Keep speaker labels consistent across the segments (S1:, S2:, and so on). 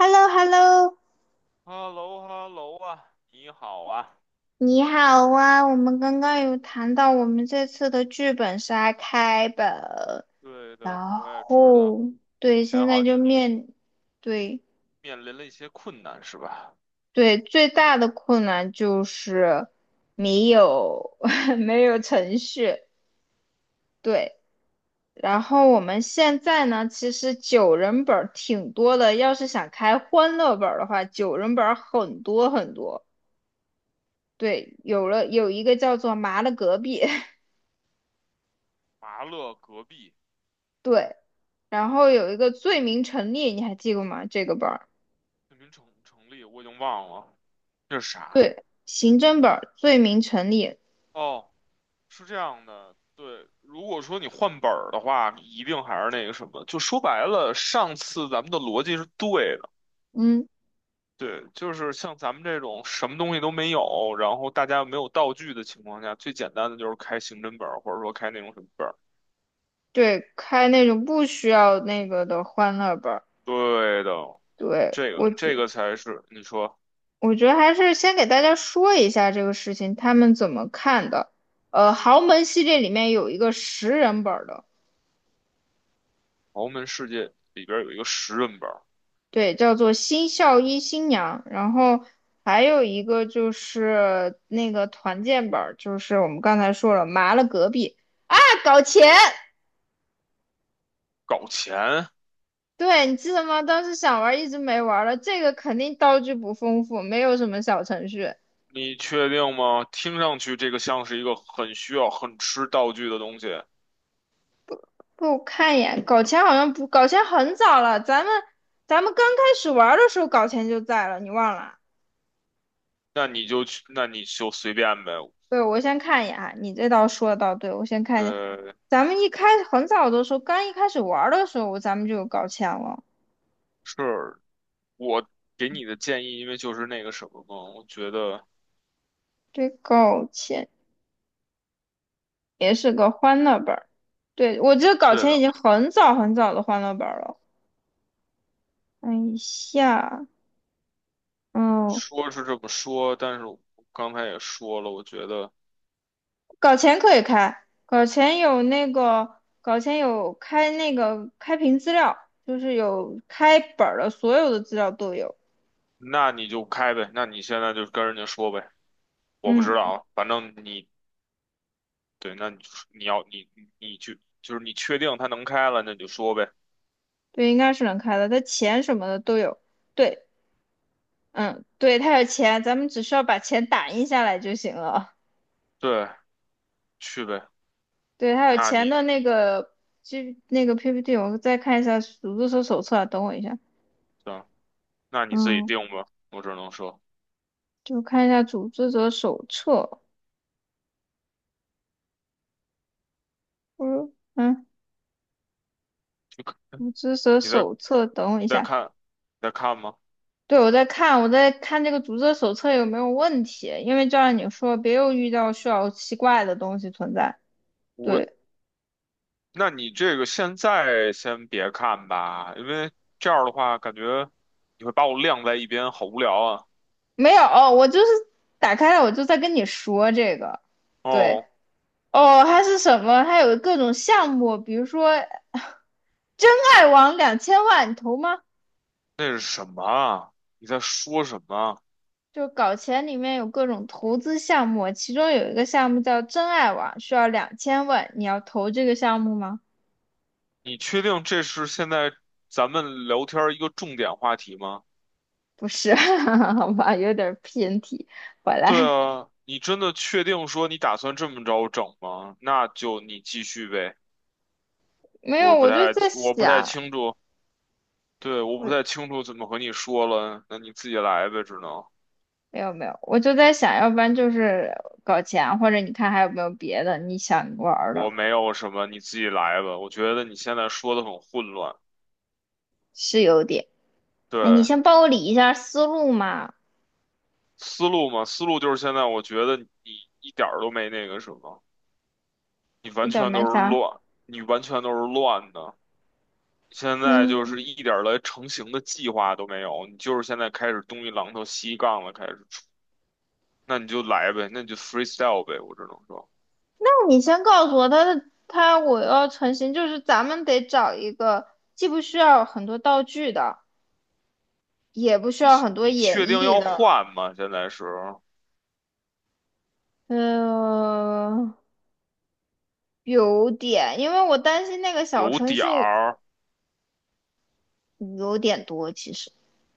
S1: h e l l o h e l l o
S2: h e l l o h e l l o 啊，你好啊。
S1: 你好啊！我们刚刚有谈到我们这次的剧本杀开本，
S2: 对的，
S1: 然
S2: 我也知道，
S1: 后对。现
S2: 前
S1: 在
S2: 好
S1: 就
S2: 像
S1: 对，
S2: 面临了一些困难，是吧？
S1: 对，最大的困难就是没有 没有程序，对。然后我们现在呢，其实九人本儿挺多的，要是想开欢乐本儿的话，九人本儿很多很多。对，有一个叫做麻的隔壁，
S2: 麻乐隔壁
S1: 对。然后有一个罪名成立，你还记过吗？这个本儿，
S2: 难民城成立，我已经忘了这是啥。
S1: 对，刑侦本儿，罪名成立。
S2: 哦，是这样的，对，如果说你换本儿的话，你一定还是那个什么，就说白了，上次咱们的逻辑是对的。
S1: 嗯，
S2: 对，就是像咱们这种什么东西都没有，然后大家又没有道具的情况下，最简单的就是开刑侦本儿，或者说开那种什么本儿。
S1: 对，开那种不需要那个的欢乐本儿，
S2: 对的，
S1: 对，
S2: 这
S1: 我
S2: 个
S1: 觉
S2: 这个才是你说
S1: 我觉得还是先给大家说一下这个事情，他们怎么看的。豪门系列里面有一个10人本儿的，
S2: 豪门世界里边有一个10人本儿
S1: 对，叫做《新校医新娘》，然后还有一个就是那个团建本儿，就是我们刚才说了，麻了隔壁，大搞钱。
S2: 搞钱，
S1: 对，你记得吗？当时想玩一直没玩了。这个肯定道具不丰富，没有什么小程序。
S2: 你确定吗？听上去这个像是一个很需要、很吃道具的东西，
S1: 不，我看一眼，搞钱好像不，搞钱很早了。咱们刚开始玩的时候，搞钱就在了，你忘了？
S2: 那你就去，那你就随便呗。
S1: 对，我先看一眼啊，你这倒说的倒对，我先看一下。
S2: 对，
S1: 咱们一开很早的时候，刚一开始玩的时候，咱们就有搞钱了。
S2: 是我给你的建议，因为就是那个什么嘛，我觉得
S1: 对，搞钱也是个欢乐本儿。对，我得搞
S2: 对
S1: 钱已
S2: 的，
S1: 经很早很早的欢乐本儿了。看一下，哦。
S2: 说是这么说，但是我刚才也说了，我觉得
S1: 搞钱可以开，搞钱有那个，搞钱有开那个开屏资料，就是有开本儿的，所有的资料都有。
S2: 那你就开呗，那你现在就跟人家说呗，我不知
S1: 嗯，
S2: 道啊反正你对，那你要你去，就是你确定它能开了，那你就说呗。
S1: 对，应该是能开的，它钱什么的都有。对。嗯，对，它有钱，咱们只需要把钱打印下来就行了。
S2: 对，去呗。
S1: 对，它有
S2: 那
S1: 钱
S2: 你
S1: 的那个，就那个 PPT，我再看一下组织者手册啊，等我一下。
S2: 行，那你自己
S1: 嗯，
S2: 定吧。我只能说，
S1: 就看一下组织者手册，不是嗯，
S2: 就
S1: 组织者
S2: 你再
S1: 手册，等我一
S2: 再
S1: 下。
S2: 看，再看吗？
S1: 对，我在看，我在看这个读者手册有没有问题，因为就像你说，别又遇到需要奇怪的东西存在。
S2: 我，
S1: 对，
S2: 那你这个现在先别看吧，因为这样的话，感觉你会把我晾在一边，好无聊啊。
S1: 没有，我就是打开了，我就在跟你说这个。对，
S2: 哦，
S1: 哦，还是什么？还有各种项目，比如说真爱网两千万，你投吗？
S2: 那是什么啊？你在说什么啊？
S1: 就搞钱里面有各种投资项目，其中有一个项目叫真爱网，需要两千万，你要投这个项目吗？
S2: 你确定这是现在咱们聊天儿一个重点话题吗？
S1: 不是，好吧，有点儿偏题，回
S2: 对
S1: 来。
S2: 啊，你真的确定说你打算这么着整吗？那就你继续呗，
S1: 没
S2: 我
S1: 有，
S2: 不
S1: 我就
S2: 太，
S1: 在
S2: 我不太
S1: 想，
S2: 清楚，对，我不太
S1: 我
S2: 清楚怎么和你说了，那你自己来呗，
S1: 没有没有，我就在想，要不然就是搞钱，或者你看还有没有别的你想玩儿
S2: 我
S1: 的，
S2: 没有什么，你自己来吧。我觉得你现在说的很混乱，
S1: 是有点。哎，你
S2: 对，
S1: 先帮我理一下思路嘛，
S2: 思路嘛，思路就是现在我觉得你一点儿都没那个什么，你
S1: 一
S2: 完
S1: 点儿
S2: 全都
S1: 没
S2: 是
S1: 啥。
S2: 乱，你完全都是乱的。现在
S1: 嗯，
S2: 就
S1: 那
S2: 是一点儿来成型的计划都没有，你就是现在开始东一榔头西一杠了，开始。那你就来呗，那你就 freestyle 呗，我只能说，
S1: 你先告诉我他的他我要成型，就是咱们得找一个既不需要很多道具的，也不需
S2: 你
S1: 要很多
S2: 你
S1: 演
S2: 确定
S1: 绎
S2: 要
S1: 的，
S2: 换吗？现在是
S1: 嗯，有点，因为我担心那个小
S2: 有
S1: 程
S2: 点
S1: 序，
S2: 儿，
S1: 有点多，其实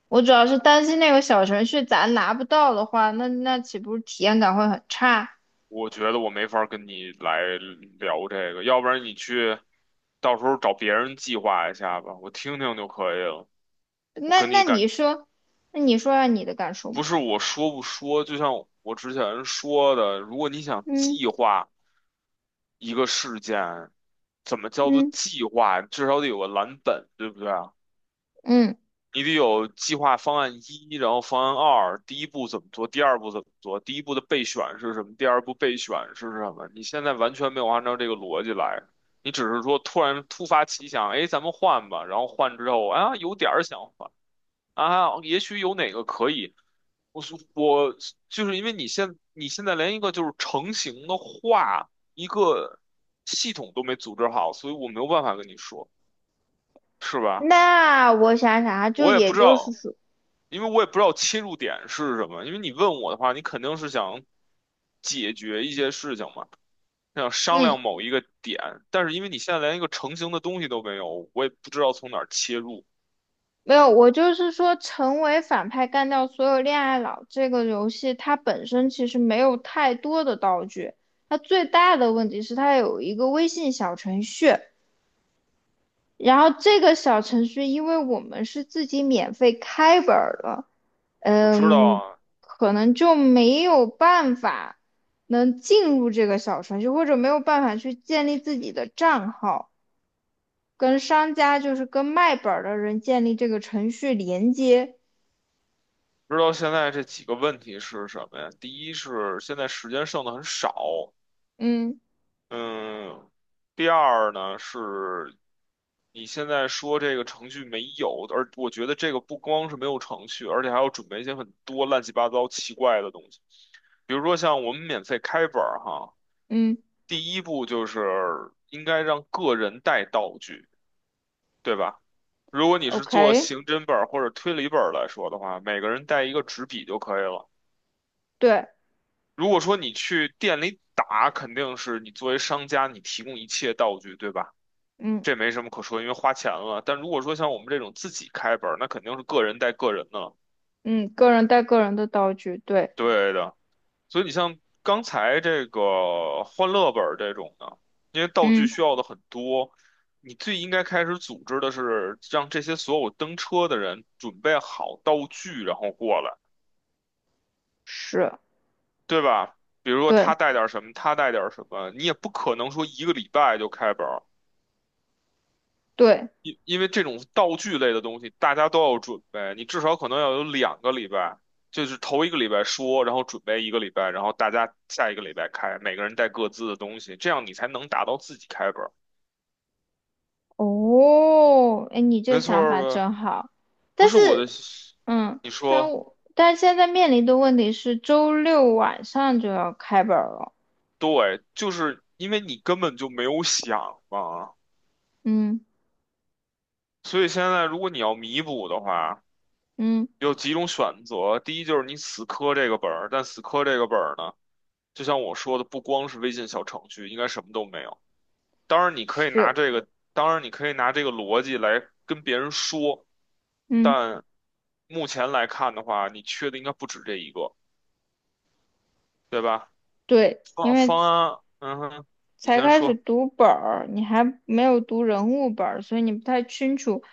S1: 我主要是担心那个小程序咱拿不到的话，那岂不是体验感会很差？
S2: 我觉得我没法跟你来聊这个，要不然你去，到时候找别人计划一下吧，我听听就可以了。我
S1: 那
S2: 跟
S1: 那
S2: 你
S1: 你
S2: 感，
S1: 说，那你说下你的感受吧。
S2: 不是我说不说，就像我之前说的，如果你想
S1: 嗯，
S2: 计划一个事件，怎么叫做
S1: 嗯，
S2: 计划？至少得有个蓝本，对不对？啊？
S1: 嗯，
S2: 你得有计划方案一，然后方案二，第一步怎么做，第二步怎么做，第一步的备选是什么，第二步备选是什么？你现在完全没有按照这个逻辑来，你只是说突然突发奇想，哎，咱们换吧，然后换之后啊，有点儿想换啊，也许有哪个可以，我就是因为你现在连一个就是成型的话，一个系统都没组织好，所以我没有办法跟你说，是吧？
S1: 那我想想啊，就
S2: 我也
S1: 也
S2: 不知
S1: 就是
S2: 道，
S1: 说，
S2: 因为我也不知道切入点是什么。因为你问我的话，你肯定是想解决一些事情嘛，想商
S1: 嗯，
S2: 量某一个点。但是因为你现在连一个成型的东西都没有，我也不知道从哪儿切入。
S1: 没有，我就是说，成为反派干掉所有恋爱脑这个游戏，它本身其实没有太多的道具，它最大的问题是它有一个微信小程序。然后这个小程序，因为我们是自己免费开本儿的，
S2: 我知道
S1: 嗯，
S2: 啊，
S1: 可能就没有办法能进入这个小程序，或者没有办法去建立自己的账号，跟商家就是跟卖本儿的人建立这个程序连接。
S2: 知道现在这几个问题是什么呀？第一是现在时间剩的很少，
S1: 嗯，
S2: 嗯，第二呢是你现在说这个程序没有，而我觉得这个不光是没有程序，而且还要准备一些很多乱七八糟奇怪的东西，比如说像我们免费开本儿哈，
S1: 嗯
S2: 第一步就是应该让个人带道具，对吧？如果你是做
S1: ，OK，
S2: 刑侦本儿或者推理本儿来说的话，每个人带一个纸笔就可以了。
S1: 对，
S2: 如果说你去店里打，肯定是你作为商家，你提供一切道具，对吧？
S1: 嗯，
S2: 这没什么可说，因为花钱了。但如果说像我们这种自己开本儿，那肯定是个人带个人的，
S1: 嗯，个人带个人的道具，对，
S2: 对的。所以你像刚才这个欢乐本儿这种的，因为道具
S1: 嗯，
S2: 需要的很多，你最应该开始组织的是让这些所有登车的人准备好道具，然后过来，
S1: 是，
S2: 对吧？比如说他
S1: 对，
S2: 带点儿什么，他带点儿什么，你也不可能说一个礼拜就开本儿。
S1: 对。
S2: 因为这种道具类的东西，大家都要准备，你至少可能要有2个礼拜，就是头一个礼拜说，然后准备一个礼拜，然后大家下一个礼拜开，每个人带各自的东西，这样你才能达到自己开本儿，
S1: 哦，哎，你这
S2: 没错
S1: 想
S2: 儿
S1: 法
S2: 吧？
S1: 真好，
S2: 不
S1: 但
S2: 是我的，
S1: 是，嗯，
S2: 你
S1: 但
S2: 说
S1: 我但是现在面临的问题是周六晚上就要开本儿了，
S2: 对，就是因为你根本就没有想嘛，
S1: 嗯，
S2: 所以现在如果你要弥补的话，
S1: 嗯，
S2: 有几种选择，第一就是你死磕这个本儿，但死磕这个本儿呢，就像我说的，不光是微信小程序，应该什么都没有。当然，你可以拿
S1: 是，
S2: 这个，当然你可以拿这个逻辑来跟别人说，
S1: 嗯，
S2: 但目前来看的话，你缺的应该不止这一个，对吧？
S1: 对，因
S2: 方
S1: 为
S2: 方案，嗯哼，你
S1: 才
S2: 先
S1: 开始
S2: 说。
S1: 读本儿，你还没有读人物本儿，所以你不太清楚，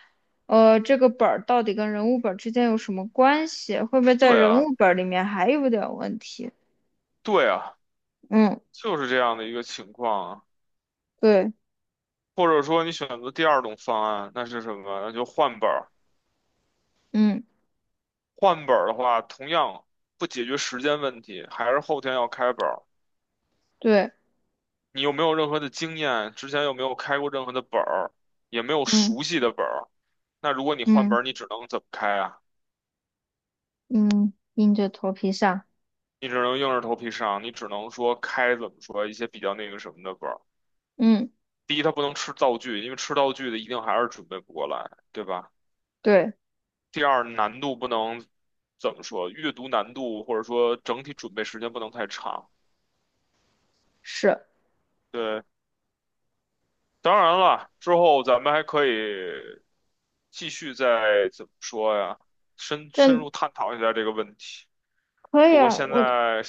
S1: 这个本儿到底跟人物本儿之间有什么关系，会不会在
S2: 对
S1: 人
S2: 啊，
S1: 物本儿里面还有点问题？
S2: 对啊，
S1: 嗯，
S2: 就是这样的一个情况啊。
S1: 对，
S2: 或者说你选择第二种方案，那是什么？那就换本儿。
S1: 嗯，
S2: 换本儿的话，同样不解决时间问题，还是后天要开本儿。
S1: 对，
S2: 你又没有任何的经验，之前又没有开过任何的本儿，也没有
S1: 嗯，
S2: 熟悉的本儿。那如果你换
S1: 嗯。
S2: 本儿，你只能怎么开啊？
S1: 嗯，硬着头皮上，
S2: 你只能硬着头皮上，你只能说开怎么说一些比较那个什么的本儿。
S1: 嗯，
S2: 第一，它不能吃道具，因为吃道具的一定还是准备不过来，对吧？
S1: 对，
S2: 第二，难度不能怎么说，阅读难度或者说整体准备时间不能太长。
S1: 是，
S2: 对，当然了，之后咱们还可以继续再怎么说呀，深深
S1: 真
S2: 入探讨一下这个问题。
S1: 可以
S2: 不过
S1: 啊，
S2: 现
S1: 我
S2: 在，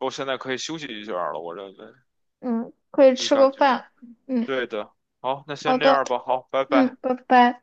S2: 我现在可以休息一下了，我认为，
S1: 嗯可以
S2: 你
S1: 吃个
S2: 感觉？
S1: 饭，嗯，
S2: 对的。好，那
S1: 好
S2: 先这
S1: 的，
S2: 样吧。好，拜拜。
S1: 嗯，拜拜。